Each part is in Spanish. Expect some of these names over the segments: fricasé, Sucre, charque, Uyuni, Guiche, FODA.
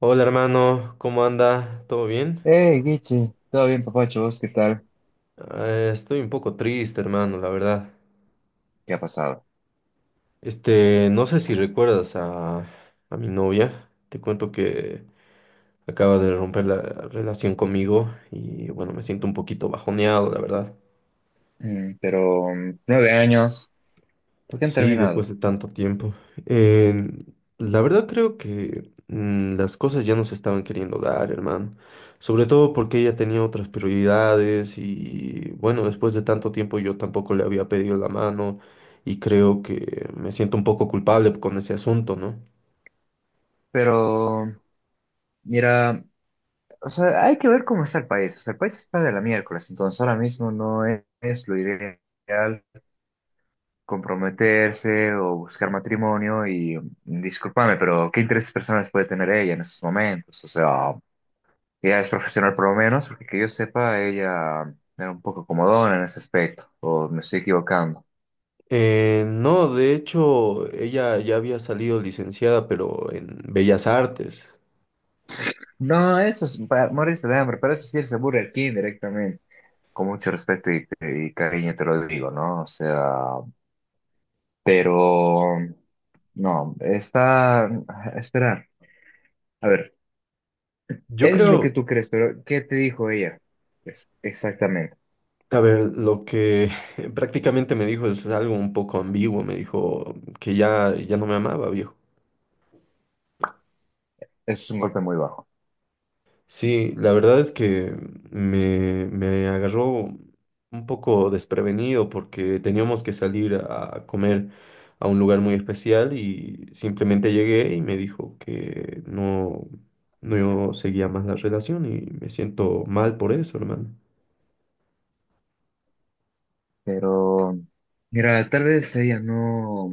Hola hermano, ¿cómo anda? ¿Todo bien? Hey, Guiche, ¿todo bien, papacho? ¿Vos qué tal? Estoy un poco triste, hermano, la verdad. ¿Qué ha pasado? Este, no sé si recuerdas a mi novia. Te cuento que acaba de romper la relación conmigo y bueno, me siento un poquito bajoneado, la verdad. Pero 9 años, ¿por qué han Sí, después terminado? de tanto tiempo. Eh, la verdad creo que las cosas ya no se estaban queriendo dar, hermano. Sobre todo porque ella tenía otras prioridades y bueno, después de tanto tiempo yo tampoco le había pedido la mano y creo que me siento un poco culpable con ese asunto, ¿no? Pero, mira, o sea, hay que ver cómo está el país. O sea, el país está de la miércoles, entonces ahora mismo no es lo ideal comprometerse o buscar matrimonio. Y discúlpame, pero ¿qué intereses personales puede tener ella en esos momentos? O sea, ella es profesional por lo menos, porque que yo sepa, ella era un poco comodona en ese aspecto, o me estoy equivocando. No, de hecho, ella ya había salido licenciada, pero en Bellas Artes. No, eso es para morirse de hambre, para eso sí es irse a Burger King directamente. Con mucho respeto y cariño te lo digo, ¿no? O sea, pero no, está a esperar. A ver, Yo eso es lo creo... que tú crees, pero ¿qué te dijo ella? Pues, exactamente. A ver, lo que prácticamente me dijo es algo un poco ambiguo. Me dijo que ya no me amaba, viejo. Eso es un golpe muy bajo. Sí, la verdad es que me agarró un poco desprevenido porque teníamos que salir a comer a un lugar muy especial y simplemente llegué y me dijo que no, no seguía más la relación y me siento mal por eso, hermano. Pero, mira, tal vez ella no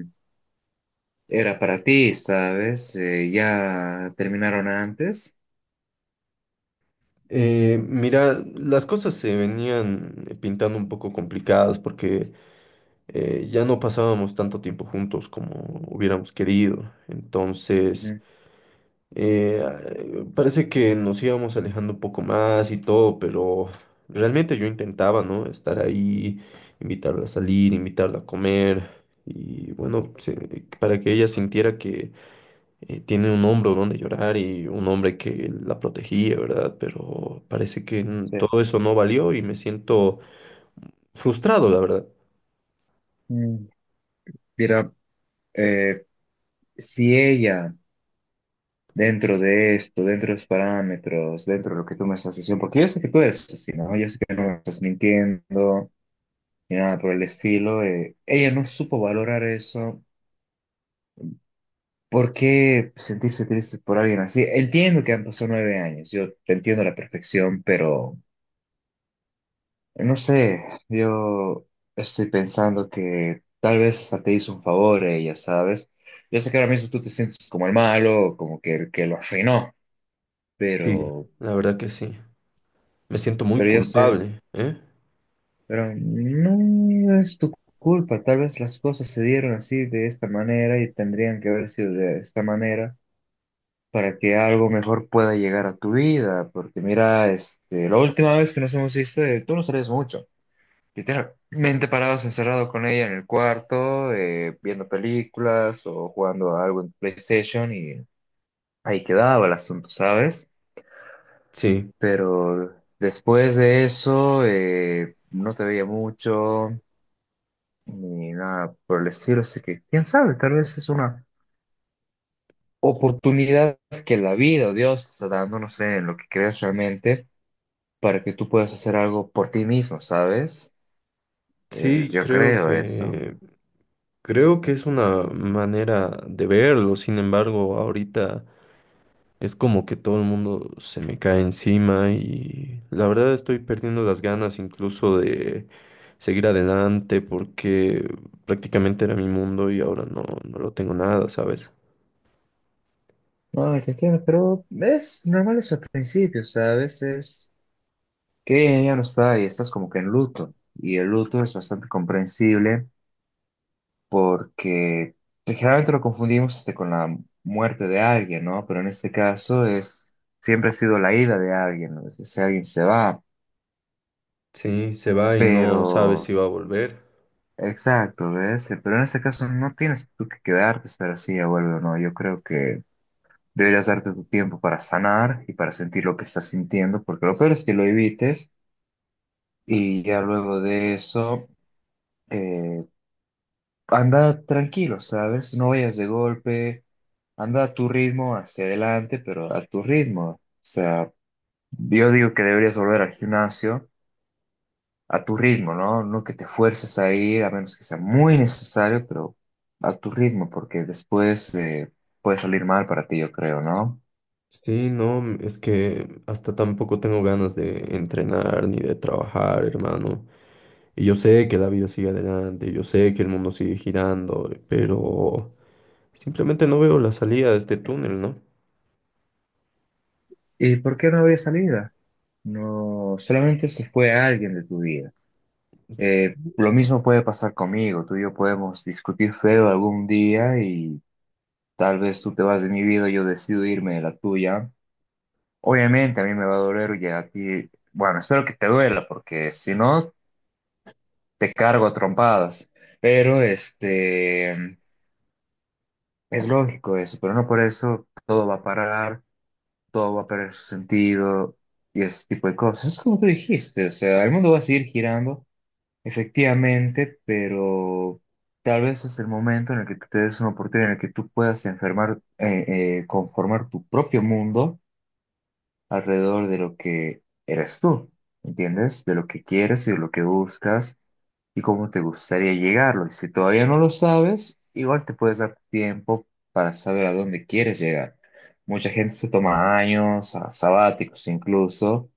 era para ti, ¿sabes? Ya terminaron antes. Mira, las cosas se venían pintando un poco complicadas porque ya no pasábamos tanto tiempo juntos como hubiéramos querido. Entonces, Ujú. eh, parece que nos íbamos alejando un poco más y todo, pero realmente yo intentaba, ¿no? Estar ahí, invitarla a salir, invitarla a comer. Y bueno, para que ella sintiera que tiene un hombro donde llorar y un hombre que la protegía, ¿verdad? Pero parece que Sí. todo eso no valió y me siento frustrado, la verdad. Mm, Mira, eh, si ella dentro de esto, dentro de los parámetros, dentro de lo que tú me estás diciendo, porque yo sé que tú eres así, ¿no? Yo sé que no me estás mintiendo ni nada por el estilo. Ella no supo valorar eso. ¿Por qué sentirse triste por alguien así? Entiendo que han pasado 9 años, yo te entiendo a la perfección, pero no sé, yo estoy pensando que tal vez hasta te hizo un favor ella, ¿sabes? Yo sé que ahora mismo tú te sientes como el malo, como que el que lo arruinó, Sí, pero, la verdad que sí. Me siento muy pero yo sé. culpable, ¿eh? Pero no es tu culpa, tal vez las cosas se dieron así de esta manera y tendrían que haber sido de esta manera para que algo mejor pueda llegar a tu vida, porque mira, este, la última vez que nos hemos visto, tú no sabes mucho, literalmente parados encerrado con ella en el cuarto, viendo películas o jugando a algo en PlayStation y ahí quedaba el asunto, ¿sabes? Sí, Pero después de eso, no te veía mucho. Ni nada por el estilo. Así que, quién sabe, tal vez es una oportunidad que la vida o Dios te está dando, no sé, en lo que crees realmente, para que tú puedas hacer algo por ti mismo, ¿sabes? Sí, Yo creo eso. Creo que es una manera de verlo. Sin embargo, ahorita es como que todo el mundo se me cae encima y la verdad estoy perdiendo las ganas incluso de seguir adelante porque prácticamente era mi mundo y ahora no, no lo tengo nada, ¿sabes? No, te entiendo, pero es normal eso al principio, ¿sabes? Es que ella ya no está y estás como que en luto. Y el luto es bastante comprensible porque pues, generalmente lo confundimos este, con la muerte de alguien, ¿no? Pero en este caso es, siempre ha sido la ida de alguien, ¿no? Ese alguien se va, Sí, se va y no sabes pero, si va a volver. exacto, ¿ves? Pero en este caso no tienes tú que quedarte, espera si ella vuelve o no. Yo creo que deberías darte tu tiempo para sanar y para sentir lo que estás sintiendo, porque lo peor es que lo evites y ya luego de eso, eh, anda tranquilo, ¿sabes? No vayas de golpe. Anda a tu ritmo, hacia adelante, pero a tu ritmo. O sea, yo digo que deberías volver al gimnasio a tu ritmo, ¿no? No que te fuerces a ir, a menos que sea muy necesario, pero a tu ritmo, porque después puede salir mal para ti, yo creo, ¿no? Sí, no, es que hasta tampoco tengo ganas de entrenar ni de trabajar, hermano. Y yo sé que la vida sigue adelante, yo sé que el mundo sigue girando, pero simplemente no veo la salida de este túnel, ¿no? ¿Y por qué no habría salida? No, solamente se fue alguien de tu vida. Lo mismo puede pasar conmigo. Tú y yo podemos discutir feo algún día y tal vez tú te vas de mi vida, yo decido irme de la tuya. Obviamente a mí me va a doler y a ti, bueno, espero que te duela porque si no, te cargo a trompadas. Pero este, es lógico eso, pero no por eso todo va a parar, todo va a perder su sentido y ese tipo de cosas. Es como tú dijiste, o sea, el mundo va a seguir girando, efectivamente, pero tal vez es el momento en el que tú te des una oportunidad en el que tú puedas enfermar, conformar tu propio mundo alrededor de lo que eres tú, ¿entiendes? De lo que quieres y de lo que buscas y cómo te gustaría llegarlo. Y si todavía no lo sabes, igual te puedes dar tiempo para saber a dónde quieres llegar. Mucha gente se toma años, sabáticos incluso,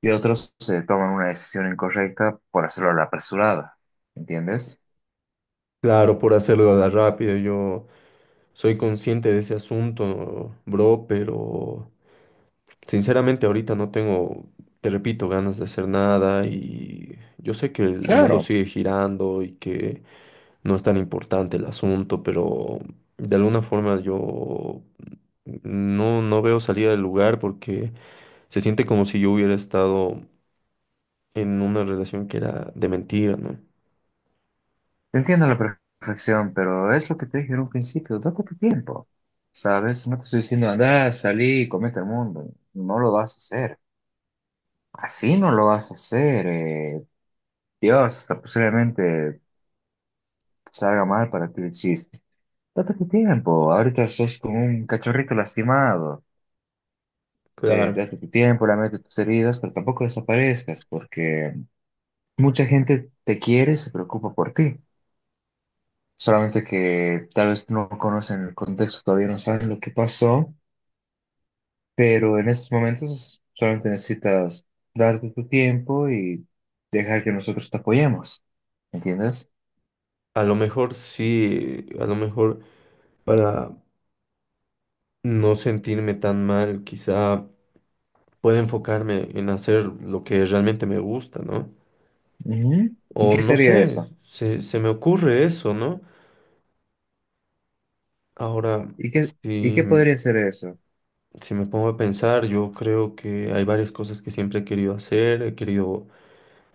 y otros se toman una decisión incorrecta por hacerlo a la apresurada, ¿entiendes? Claro, por hacerlo a la rápida, yo soy consciente de ese asunto, bro, pero sinceramente, ahorita no tengo, te repito, ganas de hacer nada y yo sé que el mundo Claro. sigue girando y que no es tan importante el asunto, pero de alguna forma yo no, no veo salida del lugar porque se siente como si yo hubiera estado en una relación que era de mentira, ¿no? Te entiendo a la perfección, pero es lo que te dije en un principio, date tu tiempo, ¿sabes? No te estoy diciendo, anda, salí y comete el mundo, no lo vas a hacer, así no lo vas a hacer, Dios, hasta posiblemente salga mal para ti el chiste. Date tu tiempo, ahorita sos como un cachorrito lastimado, Claro. date tu tiempo, lamete tus heridas, pero tampoco desaparezcas, porque mucha gente te quiere y se preocupa por ti. Solamente que tal vez no conocen el contexto, todavía no saben lo que pasó. Pero en estos momentos solamente necesitas darte tu tiempo y dejar que nosotros te apoyemos. ¿Entiendes? A lo mejor sí, a lo mejor para no sentirme tan mal, quizá puedo enfocarme en hacer lo que realmente me gusta, ¿no? Ujú. ¿Y O qué no sería sé, eso? Se me ocurre eso, ¿no? Ahora, ¿Y qué, y si, qué podría ser eso? si me pongo a pensar, yo creo que hay varias cosas que siempre he querido hacer. He querido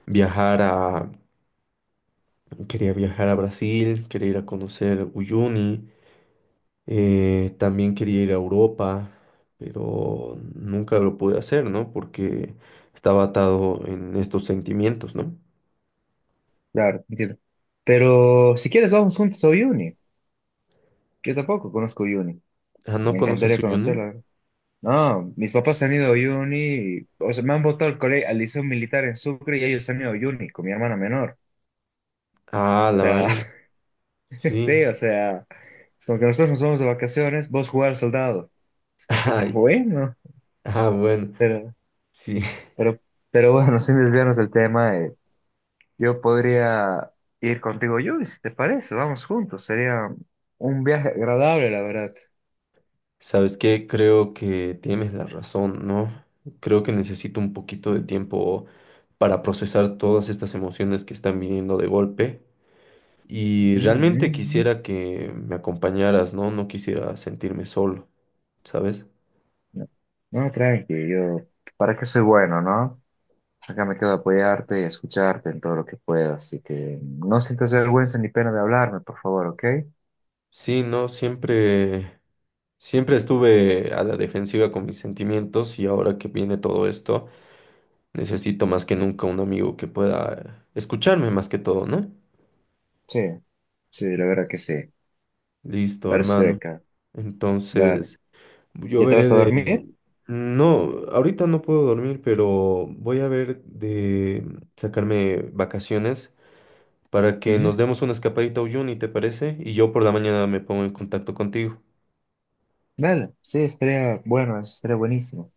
viajar a, quería viajar a Brasil, quería ir a conocer Uyuni, también quería ir a Europa, pero nunca lo pude hacer, ¿no? Porque estaba atado en estos sentimientos, ¿no? Claro, entiendo. Pero si quieres, vamos juntos a Uyuni. Yo tampoco conozco Uyuni. Ah, ¿no Me conoces encantaría Uyuni? conocerla. No, mis papás han ido a Uyuni. O sea, me han votado al colegio, al liceo militar en Sucre y ellos han ido a Uyuni con mi hermana menor. Ah, O la sea, vaina. sí, Sí. o sea, es como que nosotros nos vamos de vacaciones, vos jugar al soldado. Es como que está Ay, bueno, ah, bueno. pero, Sí. pero, pero bueno, sin desviarnos del tema, yo podría ir contigo, yo, si te parece, vamos juntos, sería un viaje agradable, la verdad. Sabes que creo que tienes la razón, ¿no? Creo que necesito un poquito de tiempo para procesar todas estas emociones que están viniendo de golpe. Y realmente Mm, quisiera que me acompañaras, ¿no? No quisiera sentirme solo, ¿sabes? No, no, tranqui, yo, para qué soy bueno, ¿no? Acá me quedo a apoyarte y a escucharte en todo lo que pueda, así que no sientas vergüenza ni pena de hablarme, por favor, ¿ok? Sí, no, siempre, siempre estuve a la defensiva con mis sentimientos y ahora que viene todo esto. Necesito más que nunca un amigo que pueda escucharme más que todo, ¿no? Sí, sí, la verdad que sí, Listo, hermano. perfecto. Dale. Entonces, yo ¿Ya te veré vas a de... dormir? No, ahorita no puedo dormir, pero voy a ver de sacarme vacaciones para que Ujú. nos demos una escapadita a Uyuni, ¿te parece? Y yo por la mañana me pongo en contacto contigo. Dale. Sí, estaría bueno, eso estaría buenísimo.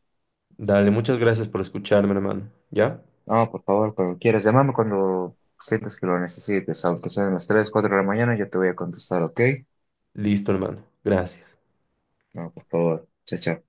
Dale, muchas gracias por escucharme, hermano. ¿Ya? No, por favor, cuando quieras, llámame cuando sientas que lo necesites, aunque sean las 3 4 de la mañana, yo te voy a contestar, ¿ok? Listo, hermano. Gracias. No, por favor. Chao, chao.